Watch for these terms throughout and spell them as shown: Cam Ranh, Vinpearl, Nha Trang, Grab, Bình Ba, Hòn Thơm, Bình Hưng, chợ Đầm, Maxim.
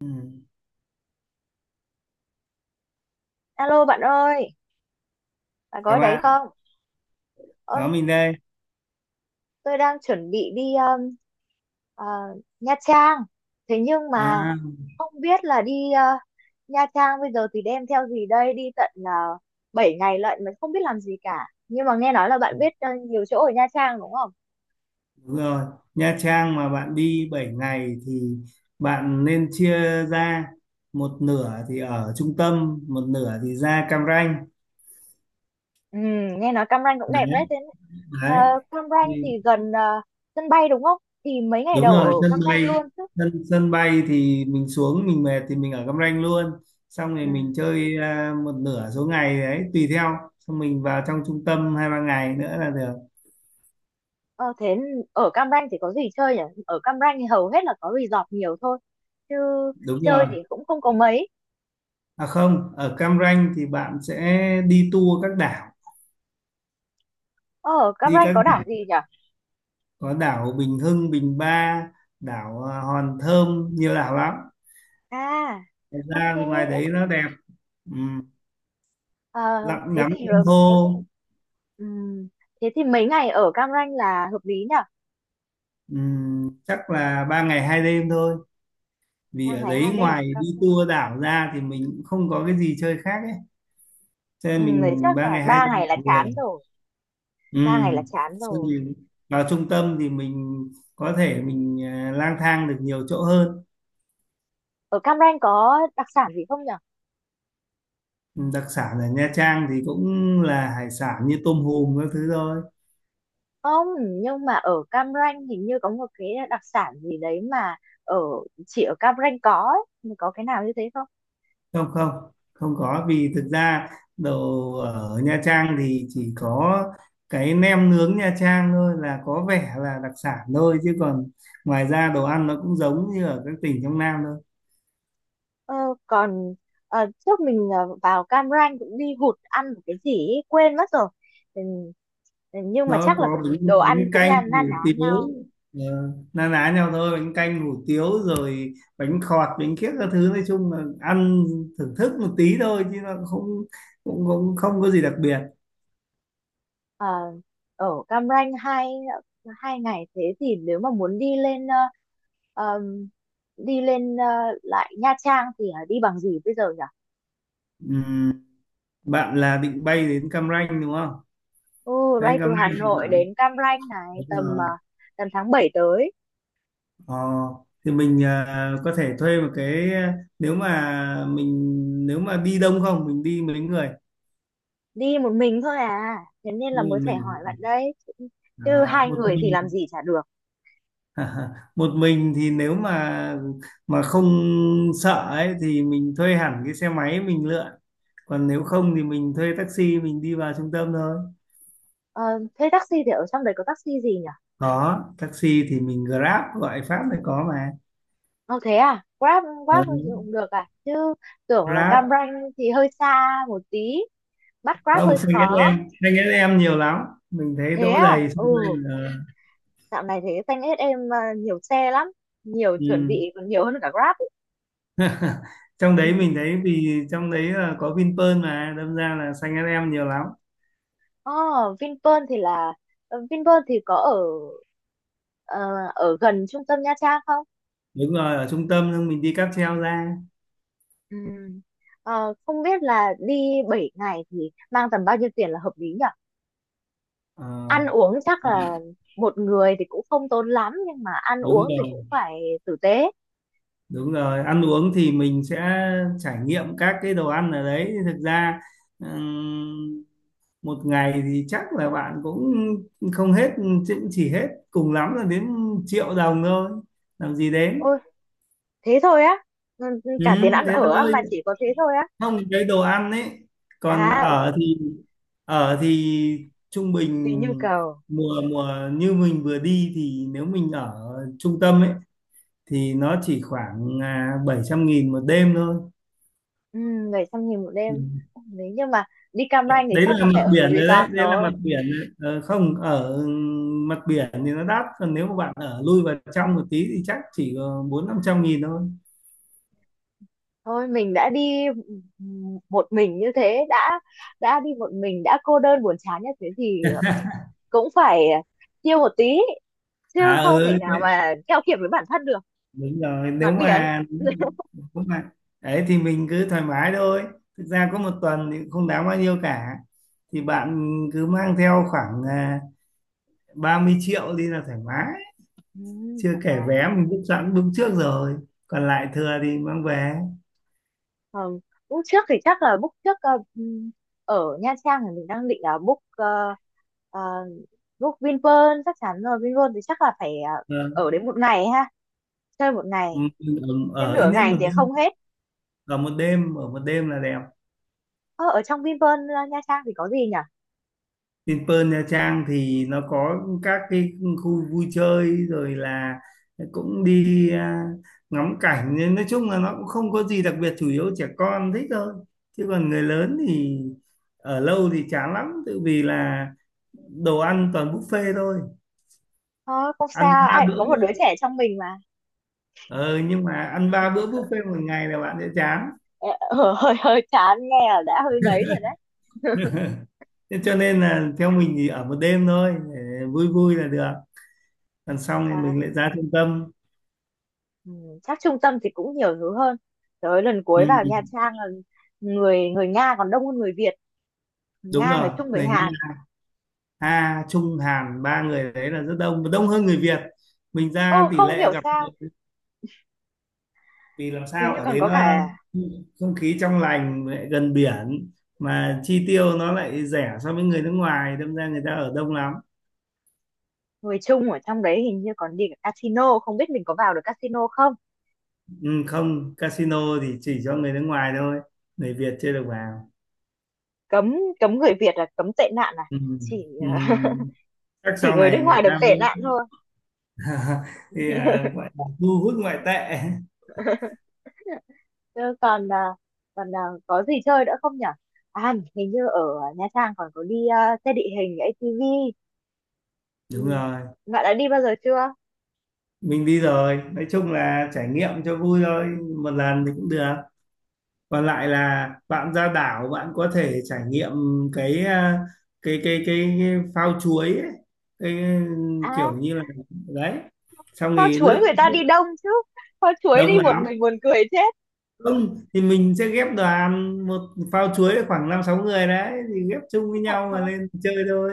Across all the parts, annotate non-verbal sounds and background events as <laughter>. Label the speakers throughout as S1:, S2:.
S1: Ừ.
S2: Alo bạn ơi, bạn có
S1: Chào
S2: ở đấy
S1: bạn,
S2: không?
S1: có
S2: Ơn,
S1: mình đây.
S2: tôi đang chuẩn bị đi ờ, Nha Trang. Thế nhưng mà
S1: À,
S2: không biết là đi Nha Trang bây giờ thì đem theo gì đây? Đi tận 7 ngày lận mà không biết làm gì cả. Nhưng mà nghe nói là bạn biết nhiều chỗ ở Nha Trang đúng không?
S1: đúng rồi. Nha Trang mà bạn đi 7 ngày thì bạn nên chia ra một nửa thì ở trung tâm, một nửa thì ra Cam Ranh.
S2: Ừ, nghe nói Cam Ranh cũng đẹp đấy.
S1: Đấy,
S2: Thế ờ,
S1: đấy.
S2: Cam Ranh thì
S1: Thì,
S2: gần sân bay đúng không? Thì mấy ngày
S1: đúng
S2: đầu ở
S1: rồi, sân
S2: Cam
S1: bay
S2: Ranh luôn chứ.
S1: sân sân bay thì mình xuống mình mệt thì mình ở Cam Ranh luôn. Xong rồi
S2: Ừ.
S1: mình chơi một nửa số ngày đấy tùy theo. Xong mình vào trong trung tâm 2 3 ngày nữa là được.
S2: Ờ, thế ở Cam Ranh thì có gì chơi nhỉ? Ở Cam Ranh thì hầu hết là có resort nhiều thôi. Chứ
S1: Đúng rồi.
S2: chơi thì cũng không có mấy.
S1: À không, ở Cam Ranh thì bạn sẽ đi tour các đảo,
S2: Ờ, ở Cam
S1: đi
S2: Ranh
S1: các
S2: có
S1: đảo
S2: đảo gì nhỉ?
S1: có đảo Bình Hưng, Bình Ba, đảo Hòn Thơm, nhiều đảo lắm.
S2: À,
S1: Thật
S2: ok.
S1: ra ngoài đấy nó đẹp. Ừm,
S2: Ờ,
S1: lặn
S2: thế
S1: ngắm
S2: thì
S1: san hô.
S2: ừm, thế thì mấy ngày ở Cam Ranh là hợp lý nhỉ?
S1: Chắc là 3 ngày 2 đêm thôi. Vì
S2: Ba
S1: ở
S2: ngày hai
S1: đấy
S2: đêm ở
S1: ngoài đi
S2: Cam Ranh.
S1: tour đảo ra thì mình cũng không có cái gì chơi khác ấy, cho
S2: Ừ,
S1: nên
S2: đấy
S1: mình
S2: chắc
S1: ba
S2: là
S1: ngày hai
S2: ba
S1: đêm
S2: ngày là
S1: là vừa.
S2: chán rồi. Ba ngày là
S1: Ừm,
S2: chán
S1: xong
S2: rồi.
S1: thì vào trung tâm thì mình có thể mình lang thang được nhiều chỗ hơn.
S2: Ở Cam Ranh có đặc sản gì không nhỉ?
S1: Ừ, đặc sản ở Nha Trang thì cũng là hải sản như tôm hùm các thứ thôi.
S2: Không, nhưng mà ở Cam Ranh hình như có một cái đặc sản gì đấy mà ở chỉ ở Cam Ranh có ấy. Có cái nào như thế không?
S1: Không, không, không có vì thực ra đồ ở Nha Trang thì chỉ có cái nem nướng Nha Trang thôi là có vẻ là đặc sản thôi chứ còn ngoài ra đồ ăn nó cũng giống như ở các tỉnh trong Nam thôi.
S2: Ờ, còn trước mình vào Cam Ranh cũng đi hụt ăn một cái gì ấy, quên mất rồi. Ừ, nhưng mà
S1: Nó
S2: chắc là
S1: có
S2: đồ ăn
S1: bánh
S2: cũng
S1: canh
S2: na na ná
S1: hủ tiếu.
S2: nhau.
S1: ờ, Na ná nhau thôi bánh canh hủ tiếu rồi bánh khọt bánh kiếc các thứ nói chung là ăn thưởng thức một tí thôi chứ nó không cũng cũng không có gì đặc biệt.
S2: Ờ, ở Cam Ranh hai hai ngày thế thì nếu mà muốn đi lên ờm, đi lên lại Nha Trang thì đi bằng gì bây giờ nhỉ?
S1: Ừm, bạn là định bay đến Cam Ranh đúng không?
S2: Ừ,
S1: Bay
S2: bay
S1: đến
S2: từ
S1: Cam
S2: Hà
S1: Ranh thì
S2: Nội
S1: bạn
S2: đến Cam Ranh này
S1: đúng
S2: tầm
S1: rồi.
S2: tầm tháng 7 tới.
S1: ờ, thì mình có thể thuê một cái, nếu mà mình, nếu mà đi đông không, mình đi mấy người?
S2: Đi một mình thôi à, thế nên là
S1: Nhưng
S2: mới
S1: mà
S2: phải hỏi
S1: mình
S2: bạn đây chứ, chứ hai
S1: một
S2: người thì làm
S1: mình.
S2: gì chả được.
S1: <laughs> À, Một mình thì nếu mà không sợ ấy thì mình thuê hẳn cái xe máy mình lượn, còn nếu không thì mình thuê taxi mình đi vào trung tâm thôi.
S2: Ờ, thế taxi thì ở trong đấy có taxi gì nhỉ?
S1: Có taxi thì mình Grab, gọi Pháp thì có mà.
S2: Ờ thế à, Grab, Grab thì
S1: Ừ.
S2: cũng được à? Chứ tưởng là Cam
S1: Grab
S2: Ranh thì hơi xa một tí, bắt Grab
S1: không,
S2: hơi
S1: xanh ét
S2: khó.
S1: em, xanh ét em nhiều lắm, mình thấy
S2: Thế
S1: đỗ
S2: à?
S1: đầy
S2: Ừ,
S1: xung quanh. Ờ,
S2: dạo này thế xanh hết em à, nhiều xe lắm, nhiều, chuẩn
S1: ừ,
S2: bị còn nhiều hơn cả Grab ấy.
S1: trong đấy mình
S2: <laughs>
S1: thấy vì trong đấy là có Vinpearl mà đâm ra là xanh ét em nhiều lắm.
S2: Ờ, Vinpearl thì là Vinpearl thì có ở ờ, ở gần trung tâm Nha Trang không?
S1: Đúng rồi, ở trung tâm xong mình đi cáp treo ra.
S2: Ừ. Ờ, không biết là đi 7 ngày thì mang tầm bao nhiêu tiền là hợp lý nhỉ?
S1: Ờ,
S2: Ăn uống chắc là một người thì cũng không tốn lắm nhưng mà ăn
S1: đúng
S2: uống thì
S1: rồi.
S2: cũng phải tử tế.
S1: Đúng rồi, ăn uống thì mình sẽ trải nghiệm các cái đồ ăn ở đấy. Thực ra ừm, một ngày thì chắc là bạn cũng không hết, chứ chỉ hết cùng lắm là đến triệu đồng thôi. Làm gì đến?
S2: Ôi, thế thôi á? Ừ,
S1: Ừ,
S2: cả tiền ăn
S1: thế
S2: ở á
S1: thôi.
S2: mà chỉ có thế thôi á?
S1: Không, cái đồ ăn ấy. Còn
S2: À, ừ,
S1: ở thì, ở thì trung
S2: tùy
S1: bình
S2: nhu cầu.
S1: mùa mùa như mình vừa đi, thì nếu mình ở trung tâm ấy thì nó chỉ khoảng 700 nghìn một đêm thôi.
S2: Ừ, 700 nghìn một đêm. Ừ, nếu như mà đi Cam Ranh thì
S1: Đấy
S2: chắc
S1: là
S2: là
S1: mặt
S2: phải ở cái
S1: biển rồi
S2: resort
S1: đấy, đấy là
S2: rồi.
S1: mặt biển rồi. Ờ, không ở mặt biển thì nó đắt, còn nếu mà bạn ở lui vào trong một tí thì chắc chỉ có 4 5 trăm nghìn thôi.
S2: Thôi mình đã đi một mình như thế, đã đi một mình đã cô đơn buồn chán như thế thì cũng phải chill một tí, chứ
S1: À
S2: không thể
S1: ừ
S2: nào
S1: thế,
S2: mà keo kiệt với bản thân được.
S1: đúng rồi, nếu
S2: Mặt biển.
S1: mà,
S2: <laughs>
S1: nếu mà đấy thì mình cứ thoải mái thôi. Thực ra có một tuần thì cũng không đáng bao nhiêu cả, thì bạn cứ mang theo khoảng 30 triệu đi là thoải mái.
S2: Ừ,
S1: Chưa
S2: thoải
S1: kể
S2: mái
S1: vé
S2: rồi.
S1: mình book sẵn, book trước rồi, còn lại thừa thì mang về.
S2: Ờ, lúc trước thì chắc là book trước ở Nha Trang thì mình đang định là book ờ, book Vinpearl chắc chắn rồi. Vinpearl thì chắc là phải
S1: Ờ,
S2: ở đến một ngày ha, chơi một
S1: ừ,
S2: ngày,
S1: ở,
S2: trên
S1: ở ít
S2: nửa
S1: nhất
S2: ngày
S1: một,
S2: thì không hết.
S1: ở một đêm, ở một đêm là đẹp.
S2: Ờ, Ở trong Vinpearl Nha Trang thì có gì nhỉ?
S1: Trên Pearl Nha Trang thì nó có các cái khu vui chơi rồi, là cũng đi ngắm cảnh, nên nói chung là nó cũng không có gì đặc biệt, chủ yếu trẻ con thích thôi, chứ còn người lớn thì ở lâu thì chán lắm, tự vì là đồ ăn toàn buffet thôi.
S2: Ờ, không
S1: ăn
S2: sao,
S1: ba
S2: ai cũng
S1: bữa
S2: có một đứa
S1: bu-
S2: trẻ trong mình mà.
S1: ờ, nhưng mà ăn ba bữa buffet một ngày là bạn sẽ chán.
S2: Ờ, hơi hơi chán, nghe là đã hơi ngấy rồi đấy. <laughs>
S1: <laughs> Thế cho nên là theo mình thì ở một đêm thôi để vui vui là được, còn xong thì
S2: À,
S1: mình lại ra trung tâm.
S2: ừ, chắc trung tâm thì cũng nhiều thứ hơn. Tới lần
S1: Ừ,
S2: cuối vào Nha Trang là người, người Nga còn đông hơn người Việt, người
S1: đúng
S2: Nga, người
S1: rồi,
S2: Trung, người
S1: người
S2: Hàn.
S1: Nga, Nga Trung Hàn ba người đấy là rất đông và đông hơn người Việt. Mình
S2: Ừ,
S1: ra tỷ
S2: không
S1: lệ
S2: hiểu
S1: gặp
S2: sao,
S1: người- vì làm
S2: hình
S1: sao
S2: như
S1: ở
S2: còn
S1: đấy
S2: có
S1: nó
S2: cả
S1: không khí trong lành, lại gần biển, mà chi tiêu nó lại rẻ so với người nước ngoài, đâm ra người ta ở đông lắm.
S2: người Trung ở trong đấy, hình như còn đi cả casino, không biết mình có vào được casino không?
S1: Ừ, không, casino thì chỉ cho người nước ngoài thôi, người Việt chưa được vào.
S2: Cấm, cấm người Việt, là cấm tệ nạn à?
S1: Ừ,
S2: Chỉ
S1: ừ.
S2: <laughs>
S1: Chắc
S2: chỉ
S1: sau
S2: người nước
S1: này
S2: ngoài
S1: người
S2: được
S1: ta mới
S2: tệ nạn thôi.
S1: <laughs> thì gọi là thu hút ngoại tệ.
S2: Chứ còn có gì chơi nữa không nhở? À, hình như ở Nha Trang còn có đi xe địa hình ATV.
S1: Đúng
S2: Ừ.
S1: rồi,
S2: Bạn đã đi bao giờ chưa?
S1: mình đi rồi, nói chung là trải nghiệm cho vui thôi, một lần thì cũng được. Còn lại là bạn ra đảo, bạn có thể trải nghiệm cái cái phao chuối ấy. Cái
S2: À,
S1: kiểu như là, đấy, xong
S2: kho
S1: thì
S2: chuối người
S1: lướt.
S2: ta đi đông chứ. Kho chuối
S1: Đông
S2: đi một
S1: lắm,
S2: mình buồn cười chết.
S1: không thì mình sẽ ghép đoàn, một phao chuối khoảng 5 6 người đấy, thì ghép chung với nhau mà
S2: <laughs>
S1: lên chơi thôi,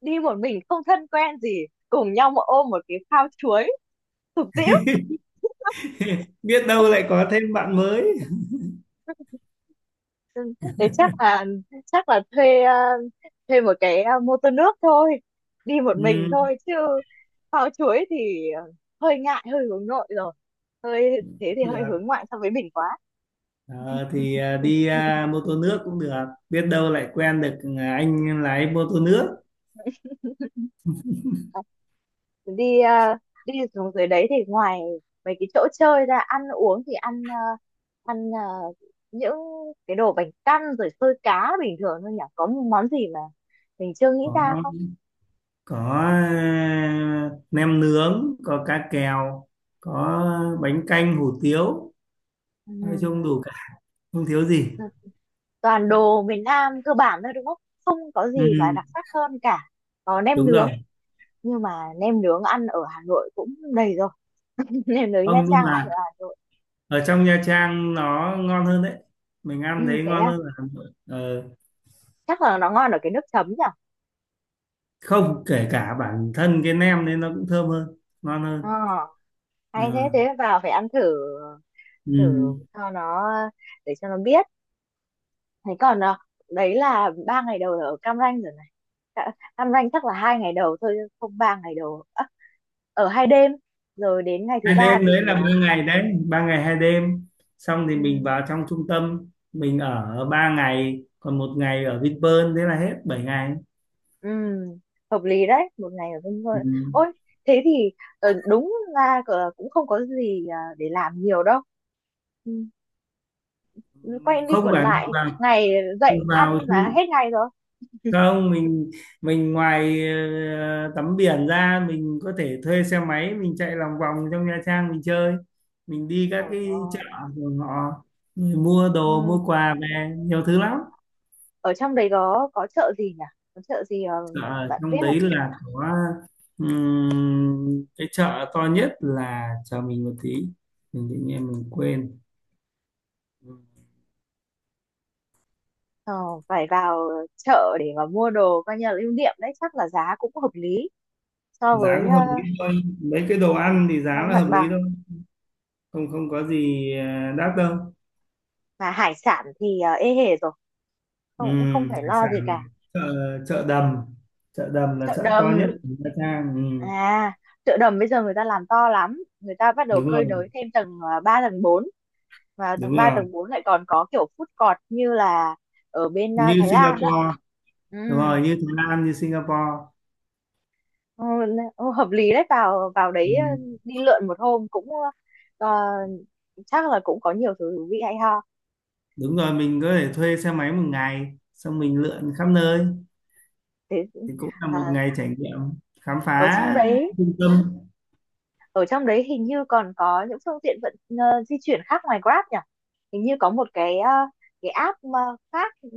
S2: Đi một mình không thân quen gì. Cùng nhau mà ôm một cái phao chuối. Tụt tĩu.
S1: biết đâu lại có thêm bạn mới.
S2: Ừ, thế chắc là thuê thuê một cái mô tô nước thôi, đi một mình
S1: Ừ,
S2: thôi chứ phao chuối thì hơi ngại, hơi hướng nội rồi, hơi thế
S1: cũng
S2: thì hơi hướng
S1: được.
S2: ngoại so với mình quá.
S1: Ờ, thì đi
S2: <laughs>
S1: mô tô nước cũng được, biết đâu lại quen được anh lái mô tô nước.
S2: Ờ, đi đi xuống dưới đấy thì ngoài mấy cái chỗ chơi ra, ăn uống thì ăn những cái đồ bánh căn rồi xôi cá bình thường thôi nhỉ, có món gì mà mình chưa nghĩ ra không?
S1: có có nem nướng, có cá kèo, có bánh canh hủ tiếu, nói chung đủ cả, không thiếu gì.
S2: Ừ, toàn đồ miền Nam cơ bản thôi đúng không? Không có gì mà
S1: Ừ,
S2: đặc sắc hơn cả. Có nem
S1: đúng
S2: nướng,
S1: rồi.
S2: nhưng mà nem nướng ăn ở Hà Nội cũng đầy rồi. <laughs> Nem nướng Nha
S1: Không, nhưng
S2: Trang ăn
S1: mà
S2: ở Hà Nội.
S1: ở trong Nha Trang nó ngon hơn đấy, mình
S2: Ừ,
S1: ăn thấy
S2: thế
S1: ngon
S2: à?
S1: hơn là Hà Nội. Ờ,
S2: Chắc là nó ngon ở cái nước chấm nhỉ?
S1: không, kể cả bản thân cái nem nên nó cũng thơm hơn, ngon hơn.
S2: Ờ, hay thế,
S1: Ờ,
S2: vào phải ăn thử, thử
S1: ừ.
S2: cho nó, để cho nó biết. Thế còn à, đấy là ba ngày đầu ở Cam Ranh rồi này. Ca- Cam Ranh chắc là hai ngày đầu thôi, không, ba ngày đầu. À, ở hai đêm rồi đến ngày thứ
S1: hai
S2: ba
S1: đêm
S2: thì
S1: đấy là
S2: à,
S1: 3 ngày đấy. 3 ngày 2 đêm, xong thì mình
S2: ừ,
S1: vào trong trung tâm. Mình ở 3 ngày, còn một ngày ở Vinpearl, thế là hết 7 ngày.
S2: ừ, hợp lý đấy, một ngày ở bên thôi.
S1: Ừ.
S2: Ôi, thế thì đúng ra cũng không có gì để làm nhiều đâu. Ừ, quay đi
S1: Không
S2: quẩn
S1: phải, mình
S2: lại,
S1: vào,
S2: ngày
S1: mình
S2: dậy ăn
S1: vào
S2: là
S1: trung-
S2: hết ngày rồi.
S1: không mình, mình ngoài tắm biển ra, mình có thể thuê xe máy mình chạy lòng vòng trong Nha Trang mình chơi. Mình đi các
S2: Trời
S1: cái chợ
S2: ơi.
S1: của họ, người mua đồ
S2: Ừ.
S1: mua quà về nhiều thứ lắm.
S2: Ở trong đấy có chợ gì nhỉ? Có chợ gì
S1: Dạ,
S2: bạn biết
S1: trong đấy
S2: không?
S1: là có cái chợ to nhất, là chờ mình một tí, mình tự nhiên mình quên. Ừm,
S2: Ờ, phải vào chợ để mà mua đồ coi như là lưu niệm đấy, chắc là giá cũng hợp lý so
S1: giá
S2: với
S1: cũng hợp lý thôi, mấy cái đồ ăn thì giá
S2: với
S1: là
S2: mặt
S1: hợp lý
S2: bằng.
S1: thôi, không, không có gì đắt đâu.
S2: Mà hải sản thì ê hề rồi, không, cũng không phải
S1: Hải
S2: lo gì
S1: sản,
S2: cả.
S1: chợ, chợ đầm, chợ đầm là
S2: Chợ
S1: chợ to
S2: đầm.
S1: nhất của Nha Trang.
S2: À, chợ đầm bây giờ người ta làm to lắm, người ta bắt đầu
S1: Đúng
S2: cơi
S1: rồi.
S2: nới thêm tầng 3 tầng bốn, và
S1: Đúng
S2: tầng 3
S1: rồi,
S2: tầng 4 lại còn có kiểu food court như là ở bên
S1: như
S2: Thái Lan á.
S1: Singapore.
S2: Ừ,
S1: Đúng rồi, như Thái Lan, như Singapore.
S2: ừ, ừ, hợp lý đấy, vào vào đấy
S1: Ừm,
S2: đi lượn một hôm cũng ờ, chắc là cũng có nhiều thứ thú vị hay ho.
S1: đúng rồi, mình có thể thuê xe máy một ngày, xong mình lượn khắp nơi,
S2: Thế
S1: thì cũng là
S2: ờ,
S1: một ngày trải nghiệm, khám
S2: ở
S1: phá
S2: trong đấy
S1: trung tâm.
S2: ở trong đấy hình như còn có những phương tiện di chuyển khác ngoài Grab nhỉ, hình như có một cái cái app mà khác, ừ,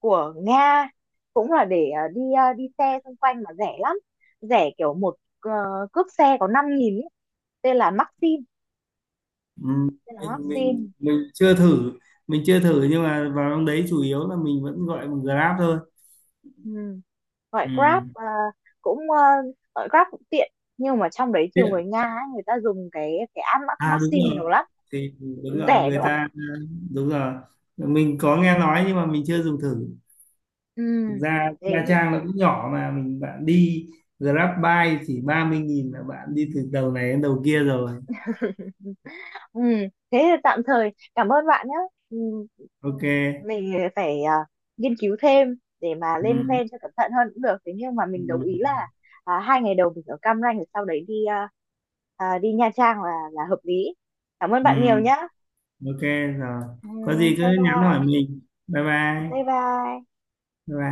S2: của Nga, cũng là để đi xe xung quanh mà rẻ lắm, rẻ kiểu một cước xe có 5 nghìn ý. tên là Maxim
S1: Ừ,
S2: Tên là
S1: mình mình
S2: Maxim.
S1: mình chưa thử, mình chưa thử, nhưng mà vào trong đấy chủ yếu là mình vẫn gọi bằng Grab thôi.
S2: Ừ, gọi
S1: Ừ.
S2: Grab cũng ờ, gọi Grab cũng tiện nhưng mà trong đấy
S1: Thế
S2: nhiều
S1: ạ?
S2: người Nga ấy, người ta dùng cái app
S1: À đúng
S2: Maxim
S1: rồi,
S2: nhiều lắm,
S1: thì đúng rồi,
S2: rẻ
S1: người
S2: nữa.
S1: ta đúng rồi, mình có nghe nói nhưng mà mình chưa dùng thử. Thực
S2: Ừ,
S1: ra Nha
S2: thế.
S1: Trang nó cũng nhỏ, mà mình, bạn đi Grab bike chỉ 30 nghìn là bạn đi từ đầu này đến đầu kia rồi.
S2: Ừ, thế thì tạm thời cảm ơn bạn nhé. Ừ,
S1: Ok,
S2: mình phải nghiên cứu thêm để mà lên
S1: ừ.
S2: plan cho cẩn thận hơn cũng được. Thế nhưng mà
S1: Ừ.
S2: mình đồng ý là hai ngày đầu mình ở Cam Ranh rồi sau đấy đi đi Nha Trang là hợp lý. Cảm ơn
S1: Ừ.
S2: bạn nhiều nhé.
S1: Ok, rồi,
S2: Ừ,
S1: có gì cứ
S2: bye
S1: nhắn hỏi
S2: bye,
S1: mình. Bye
S2: bye
S1: bye,
S2: bye.
S1: bye bye.